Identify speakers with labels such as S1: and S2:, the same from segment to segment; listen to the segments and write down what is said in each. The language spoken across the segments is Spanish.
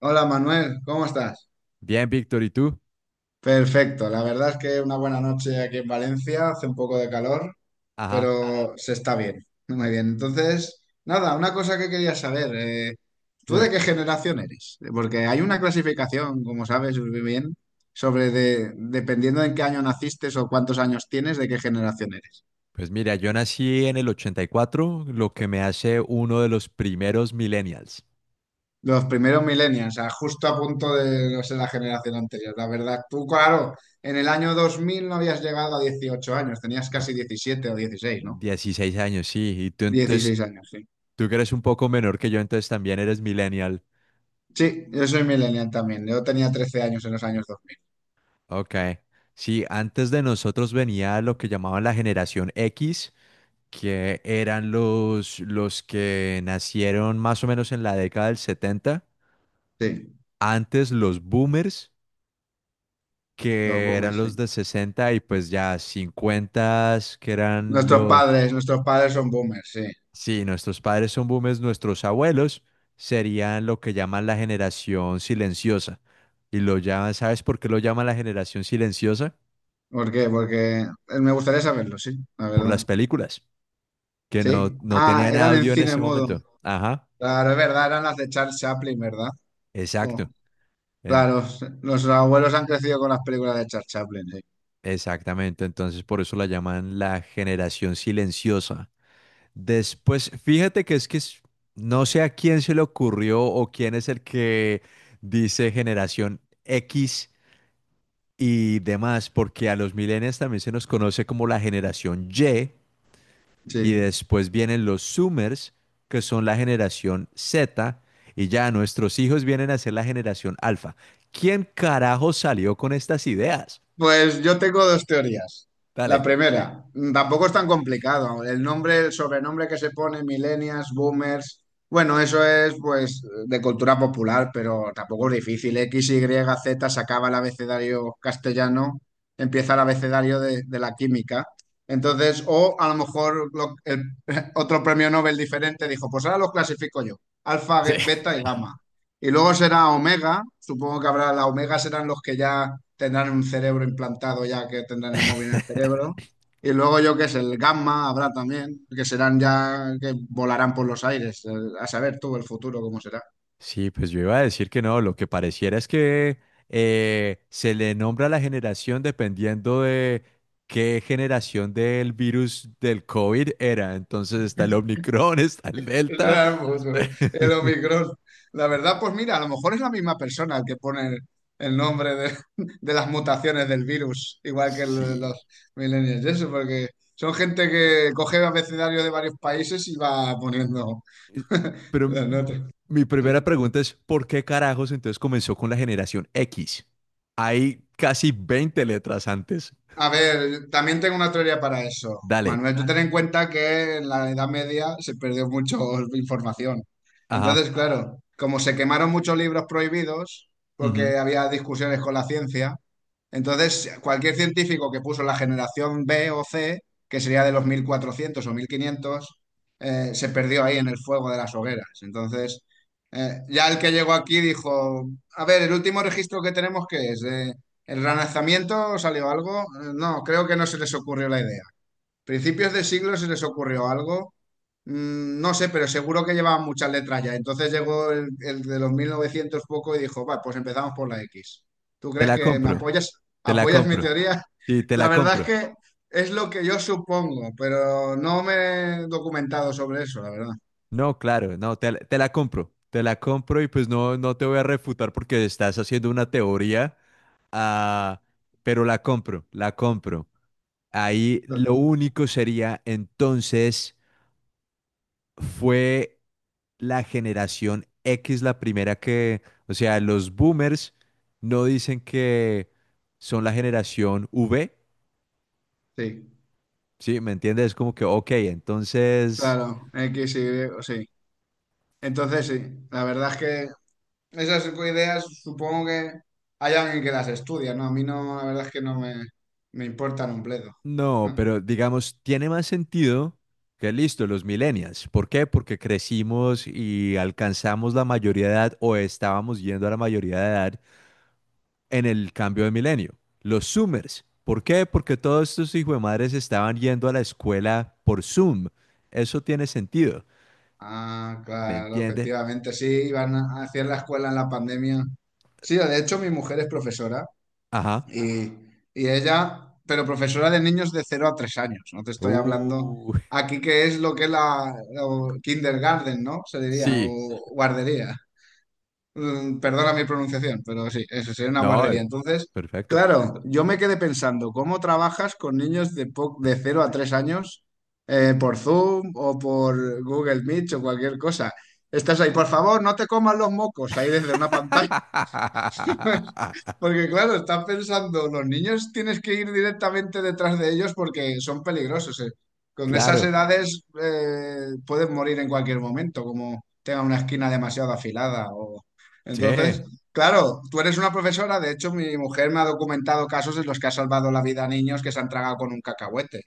S1: Hola Manuel, ¿cómo estás?
S2: Bien, Víctor, ¿y tú?
S1: Perfecto, la verdad es que una buena noche aquí en Valencia, hace un poco de calor,
S2: Ajá,
S1: pero se está bien, muy bien. Entonces, nada, una cosa que quería saber, ¿tú de
S2: dime.
S1: qué generación eres? Porque hay una clasificación, como sabes muy bien, sobre dependiendo de en qué año naciste o cuántos años tienes, de qué generación eres.
S2: Pues mira, yo nací en el 84, lo que me hace uno de los primeros millennials,
S1: Los primeros millennials, o sea, justo a punto de, no sé, la generación anterior. La verdad, tú, claro, en el año 2000 no habías llegado a 18 años, tenías
S2: ¿no?
S1: casi 17 o 16, ¿no?
S2: 16 años, sí. Y tú entonces,
S1: 16 años, sí.
S2: tú que eres un poco menor que yo, entonces también eres millennial.
S1: Sí, yo soy millennial también. Yo tenía 13 años en los años dos mil.
S2: Ok. Sí, antes de nosotros venía lo que llamaban la generación X, que eran los que nacieron más o menos en la década del 70.
S1: Sí,
S2: Antes los boomers
S1: los
S2: que eran
S1: boomers,
S2: los
S1: sí.
S2: de 60 y pues ya 50 que eran
S1: Nuestros
S2: los...
S1: padres, nuestros padres son boomers, sí.
S2: Sí, nuestros padres son boomers, nuestros abuelos serían lo que llaman la generación silenciosa. Y lo llaman, ¿sabes por qué lo llaman la generación silenciosa?
S1: ¿Por qué? Porque me gustaría saberlo, sí, la
S2: Por
S1: verdad.
S2: las películas, que
S1: Sí.
S2: no, no
S1: Ah,
S2: tenían
S1: eran en
S2: audio en
S1: cine
S2: ese
S1: mudo.
S2: momento. Ajá,
S1: Claro, es verdad, eran las de Charles Chaplin, ¿verdad?
S2: exacto.
S1: Oh.
S2: en-
S1: Claro, los abuelos han crecido con las películas de Charles Chaplin, sí.
S2: exactamente, entonces por eso la llaman la generación silenciosa. Después, fíjate que es- no sé a quién se le ocurrió o quién es el que dice generación X y demás, porque a los millennials también se nos conoce como la generación Y, y
S1: Sí.
S2: después vienen los Zoomers, que son la generación Z, y ya nuestros hijos vienen a ser la generación Alfa. ¿Quién carajo salió con estas ideas?
S1: Pues yo tengo dos teorías. La
S2: Dale.
S1: primera, tampoco es tan complicado. El nombre, el sobrenombre que se pone, millennials, boomers, bueno, eso es pues de cultura popular, pero tampoco es difícil. X, Y, Z se acaba el abecedario castellano, empieza el abecedario de la química. Entonces, o a lo mejor otro premio Nobel diferente dijo, pues ahora los clasifico yo, alfa,
S2: Sí.
S1: beta y gamma. Y luego será Omega, supongo que habrá, la Omega serán los que ya tendrán un cerebro implantado, ya que tendrán el móvil en el cerebro. Y luego yo que es el Gamma habrá también, que serán ya, que volarán por los aires, a saber tú el futuro cómo será.
S2: Sí, pues yo iba a decir que no, lo que pareciera es que se le nombra a la generación dependiendo de qué generación del virus del COVID era. Entonces está el Omicron, está el Delta.
S1: El futuro, el Omicron. La verdad, pues mira, a lo mejor es la misma persona el que pone el nombre de las mutaciones del virus, igual que el de
S2: Sí.
S1: los millennials, y eso, porque son gente que coge abecedarios de varios países y va poniendo
S2: Eh, Pero
S1: las notas,
S2: mi
S1: sí.
S2: primera pregunta es, ¿por qué carajos entonces comenzó con la generación X? Hay casi 20 letras antes.
S1: A ver, también tengo una teoría para eso.
S2: Dale.
S1: Manuel, tú ten en cuenta que en la Edad Media se perdió mucho información. Entonces,
S2: Ajá.
S1: claro, como se quemaron muchos libros prohibidos,
S2: Ujú.
S1: porque había discusiones con la ciencia, entonces cualquier científico que puso la generación B o C, que sería de los 1400 o 1500, se perdió ahí en el fuego de las hogueras. Entonces, ya el que llegó aquí dijo, a ver, el último registro que tenemos, ¿qué es? ¿El relanzamiento salió algo? No, creo que no se les ocurrió la idea. Principios de siglo se les ocurrió algo. Mm, No sé, pero seguro que llevaban muchas letras ya. Entonces llegó el de los 1900 poco y dijo, va, pues empezamos por la X. ¿Tú
S2: Te
S1: crees
S2: la
S1: que me
S2: compro.
S1: apoyas?
S2: Te la
S1: ¿Apoyas mi
S2: compro.
S1: teoría?
S2: Sí, te
S1: La
S2: la
S1: verdad es
S2: compro.
S1: que es lo que yo supongo, pero no me he documentado sobre eso, la verdad.
S2: No, claro, no, te la compro, te la compro y pues no, no te voy a refutar porque estás haciendo una teoría, ah, pero la compro, la compro. Ahí lo único sería entonces fue la generación X la primera que, o sea, los boomers no dicen que son la generación V,
S1: Sí,
S2: ¿sí? ¿Me entiendes? Es como que, ok, entonces...
S1: claro, X, Y, sí. Entonces sí, la verdad es que esas ideas supongo que hay alguien que las estudia, ¿no? A mí no, la verdad es que no me importan un bledo.
S2: No, pero digamos, tiene más sentido que listo, los millennials. ¿Por qué? Porque crecimos y alcanzamos la mayoría de edad o estábamos yendo a la mayoría de edad en el cambio de milenio. Los Zoomers. ¿Por qué? Porque todos estos hijos de madres estaban yendo a la escuela por Zoom. Eso tiene sentido.
S1: Ah,
S2: ¿Me
S1: claro,
S2: entiende?
S1: efectivamente, sí, iban a hacer la escuela en la pandemia. Sí, de hecho mi mujer es profesora
S2: Ajá.
S1: y, y ella, pero profesora de niños de cero a 3 años, no te estoy hablando
S2: Uh,
S1: aquí que es lo que es la o kindergarten, ¿no? Se diría,
S2: sí.
S1: o guardería. Mm, Perdona mi pronunciación, pero sí, eso sería una
S2: No,
S1: guardería. Entonces,
S2: perfecto.
S1: claro, yo me quedé pensando, ¿cómo trabajas con niños de 0 a 3 años por Zoom o por Google Meet o cualquier cosa? Estás ahí, por favor, no te comas los mocos ahí desde una pantalla. Porque claro, están pensando, los niños tienes que ir directamente detrás de ellos porque son peligrosos. Con esas
S2: Claro.
S1: edades pueden morir en cualquier momento, como tenga una esquina demasiado afilada. O... Entonces,
S2: Sí.
S1: claro, tú eres una profesora, de hecho mi mujer me ha documentado casos en los que ha salvado la vida a niños que se han tragado con un cacahuete.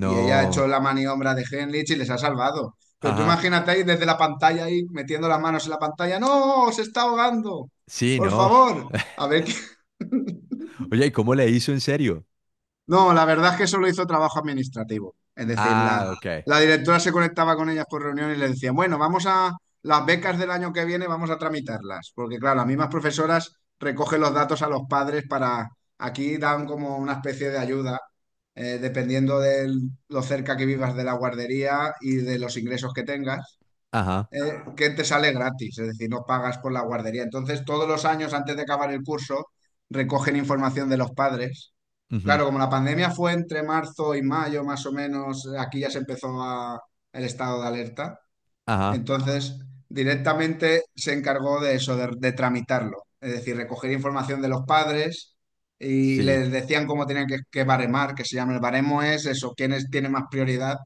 S1: Y ella ha hecho la maniobra de Henlich y les ha salvado. Pero tú
S2: Ajá.
S1: imagínate ahí desde la pantalla, ahí metiendo las manos en la pantalla. ¡No! ¡Se está ahogando!
S2: Sí,
S1: Por
S2: no.
S1: favor, a ver.
S2: Oye, ¿y cómo le hizo en serio?
S1: No, la verdad es que solo hizo trabajo administrativo. Es decir, la,
S2: Ah, ok.
S1: la directora se conectaba con ellas por reunión y le decía, bueno, vamos a las becas del año que viene, vamos a tramitarlas. Porque claro, las mismas profesoras recogen los datos a los padres para, aquí dan como una especie de ayuda, dependiendo de lo cerca que vivas de la guardería y de los ingresos que tengas
S2: Ajá.
S1: eh, que te sale gratis, es decir, no pagas por la guardería. Entonces, todos los años antes de acabar el curso, recogen información de los padres.
S2: Ujú.
S1: Claro, como la pandemia fue entre marzo y mayo, más o menos, aquí ya se empezó el estado de alerta.
S2: Ajá.
S1: Entonces, directamente se encargó de eso, de tramitarlo. Es decir, recoger información de los padres y
S2: Sí.
S1: les decían cómo tenían que baremar, que se llama el baremo es eso, quiénes tienen más prioridad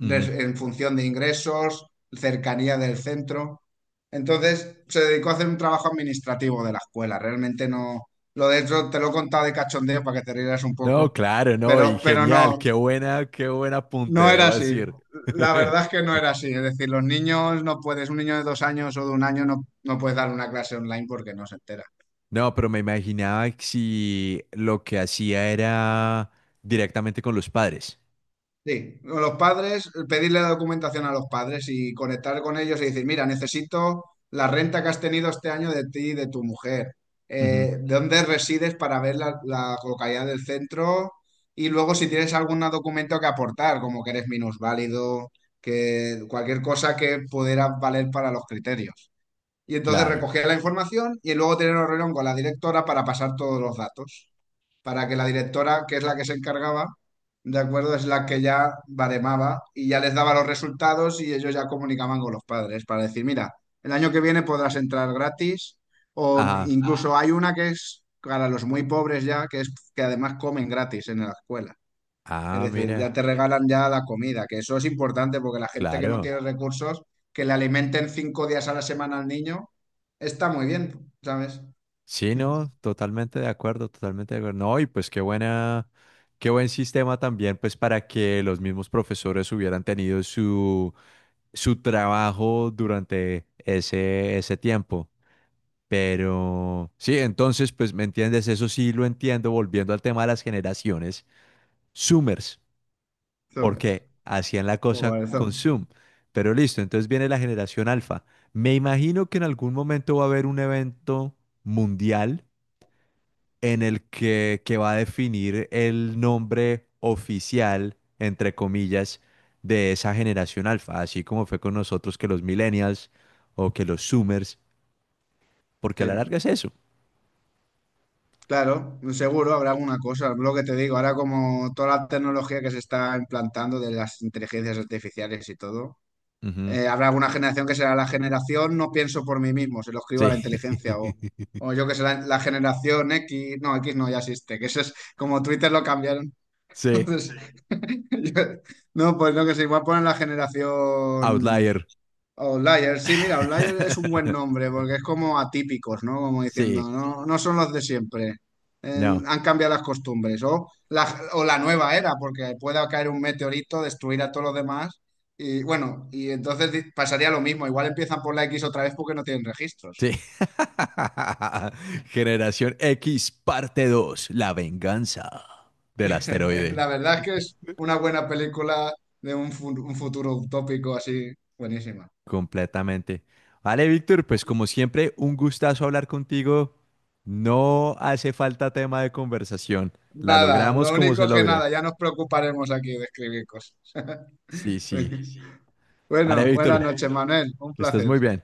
S2: Ujú.
S1: en función de ingresos, cercanía del centro. Entonces, se dedicó a hacer un trabajo administrativo de la escuela. Realmente no, lo de hecho te lo he contado de cachondeo para que te rieras un
S2: No,
S1: poco,
S2: claro, no. Y
S1: pero
S2: genial.
S1: no,
S2: Qué buena, qué buen apunte,
S1: no era
S2: debo
S1: así.
S2: decir.
S1: La verdad es que no era así. Es decir, los niños no puedes, un niño de 2 años o de un año no, no puedes dar una clase online porque no se entera.
S2: No, pero me imaginaba que si lo que hacía era directamente con los padres.
S1: Sí, o los padres, pedirle la documentación a los padres y conectar con ellos y decir, mira, necesito la renta que has tenido este año de ti y de tu mujer.
S2: Ujú.
S1: ¿De dónde resides para ver la localidad del centro? Y luego si tienes algún documento que aportar, como que eres minusválido, que cualquier cosa que pudiera valer para los criterios. Y entonces
S2: Claro.
S1: recogía la información y luego tener una reunión con la directora para pasar todos los datos. Para que la directora, que es la que se encargaba, de acuerdo, es la que ya baremaba y ya les daba los resultados y ellos ya comunicaban con los padres para decir, mira, el año que viene podrás entrar gratis o
S2: Ajá.
S1: incluso hay una que es para los muy pobres ya, que es que además comen gratis en la escuela. Es
S2: Ah,
S1: decir,
S2: mira.
S1: ya te regalan ya la comida, que eso es importante porque la gente que no
S2: Claro.
S1: tiene recursos, que le alimenten 5 días a la semana al niño, está muy bien, ¿sabes?
S2: Sí, no, totalmente de acuerdo, totalmente de acuerdo. No, y pues qué buena, qué buen sistema también, pues para que los mismos profesores hubieran tenido su trabajo durante ese tiempo. Pero sí, entonces, pues me entiendes, eso sí lo entiendo, volviendo al tema de las generaciones, Zoomers,
S1: Zomers.
S2: porque hacían la cosa
S1: Joder,
S2: con Zoom. Pero listo, entonces viene la generación alfa. Me imagino que en algún momento va a haber un evento mundial en el que va a definir el nombre oficial, entre comillas, de esa generación alfa, así como fue con nosotros que los millennials o que los zoomers, porque a la
S1: sí.
S2: larga es eso.
S1: Claro, seguro habrá alguna cosa. Lo que te digo, ahora como toda la tecnología que se está implantando de las inteligencias artificiales y todo,
S2: Ujú.
S1: habrá alguna generación que será la generación no pienso por mí mismo, se lo escribo a
S2: Sí.
S1: la inteligencia o yo que sé, la generación X no ya existe, que eso es como Twitter lo cambiaron.
S2: Sí.
S1: Entonces, yo- no, pues no, que se igual ponen la generación
S2: Outlier.
S1: Outlier. Sí, mira, Outlier es un buen nombre porque es como atípicos, ¿no? Como diciendo,
S2: Sí.
S1: no, no son los de siempre.
S2: No.
S1: Han cambiado las costumbres. O la nueva era, porque pueda caer un meteorito, destruir a todos los demás. Y bueno, y entonces pasaría lo mismo. Igual empiezan por la X otra vez porque no tienen registros.
S2: Sí. Generación X, parte 2. La venganza del asteroide.
S1: La verdad es que es una buena película de un futuro utópico así, buenísima.
S2: Completamente. Vale, Víctor, pues como siempre, un gustazo hablar contigo. No hace falta tema de conversación. La
S1: Nada,
S2: logramos
S1: lo
S2: como se
S1: único que
S2: logre.
S1: nada, ya nos preocuparemos aquí de escribir cosas.
S2: Sí, sí. Vale,
S1: Bueno, buenas
S2: Víctor,
S1: noches, Manuel, un
S2: que estés
S1: placer.
S2: muy bien.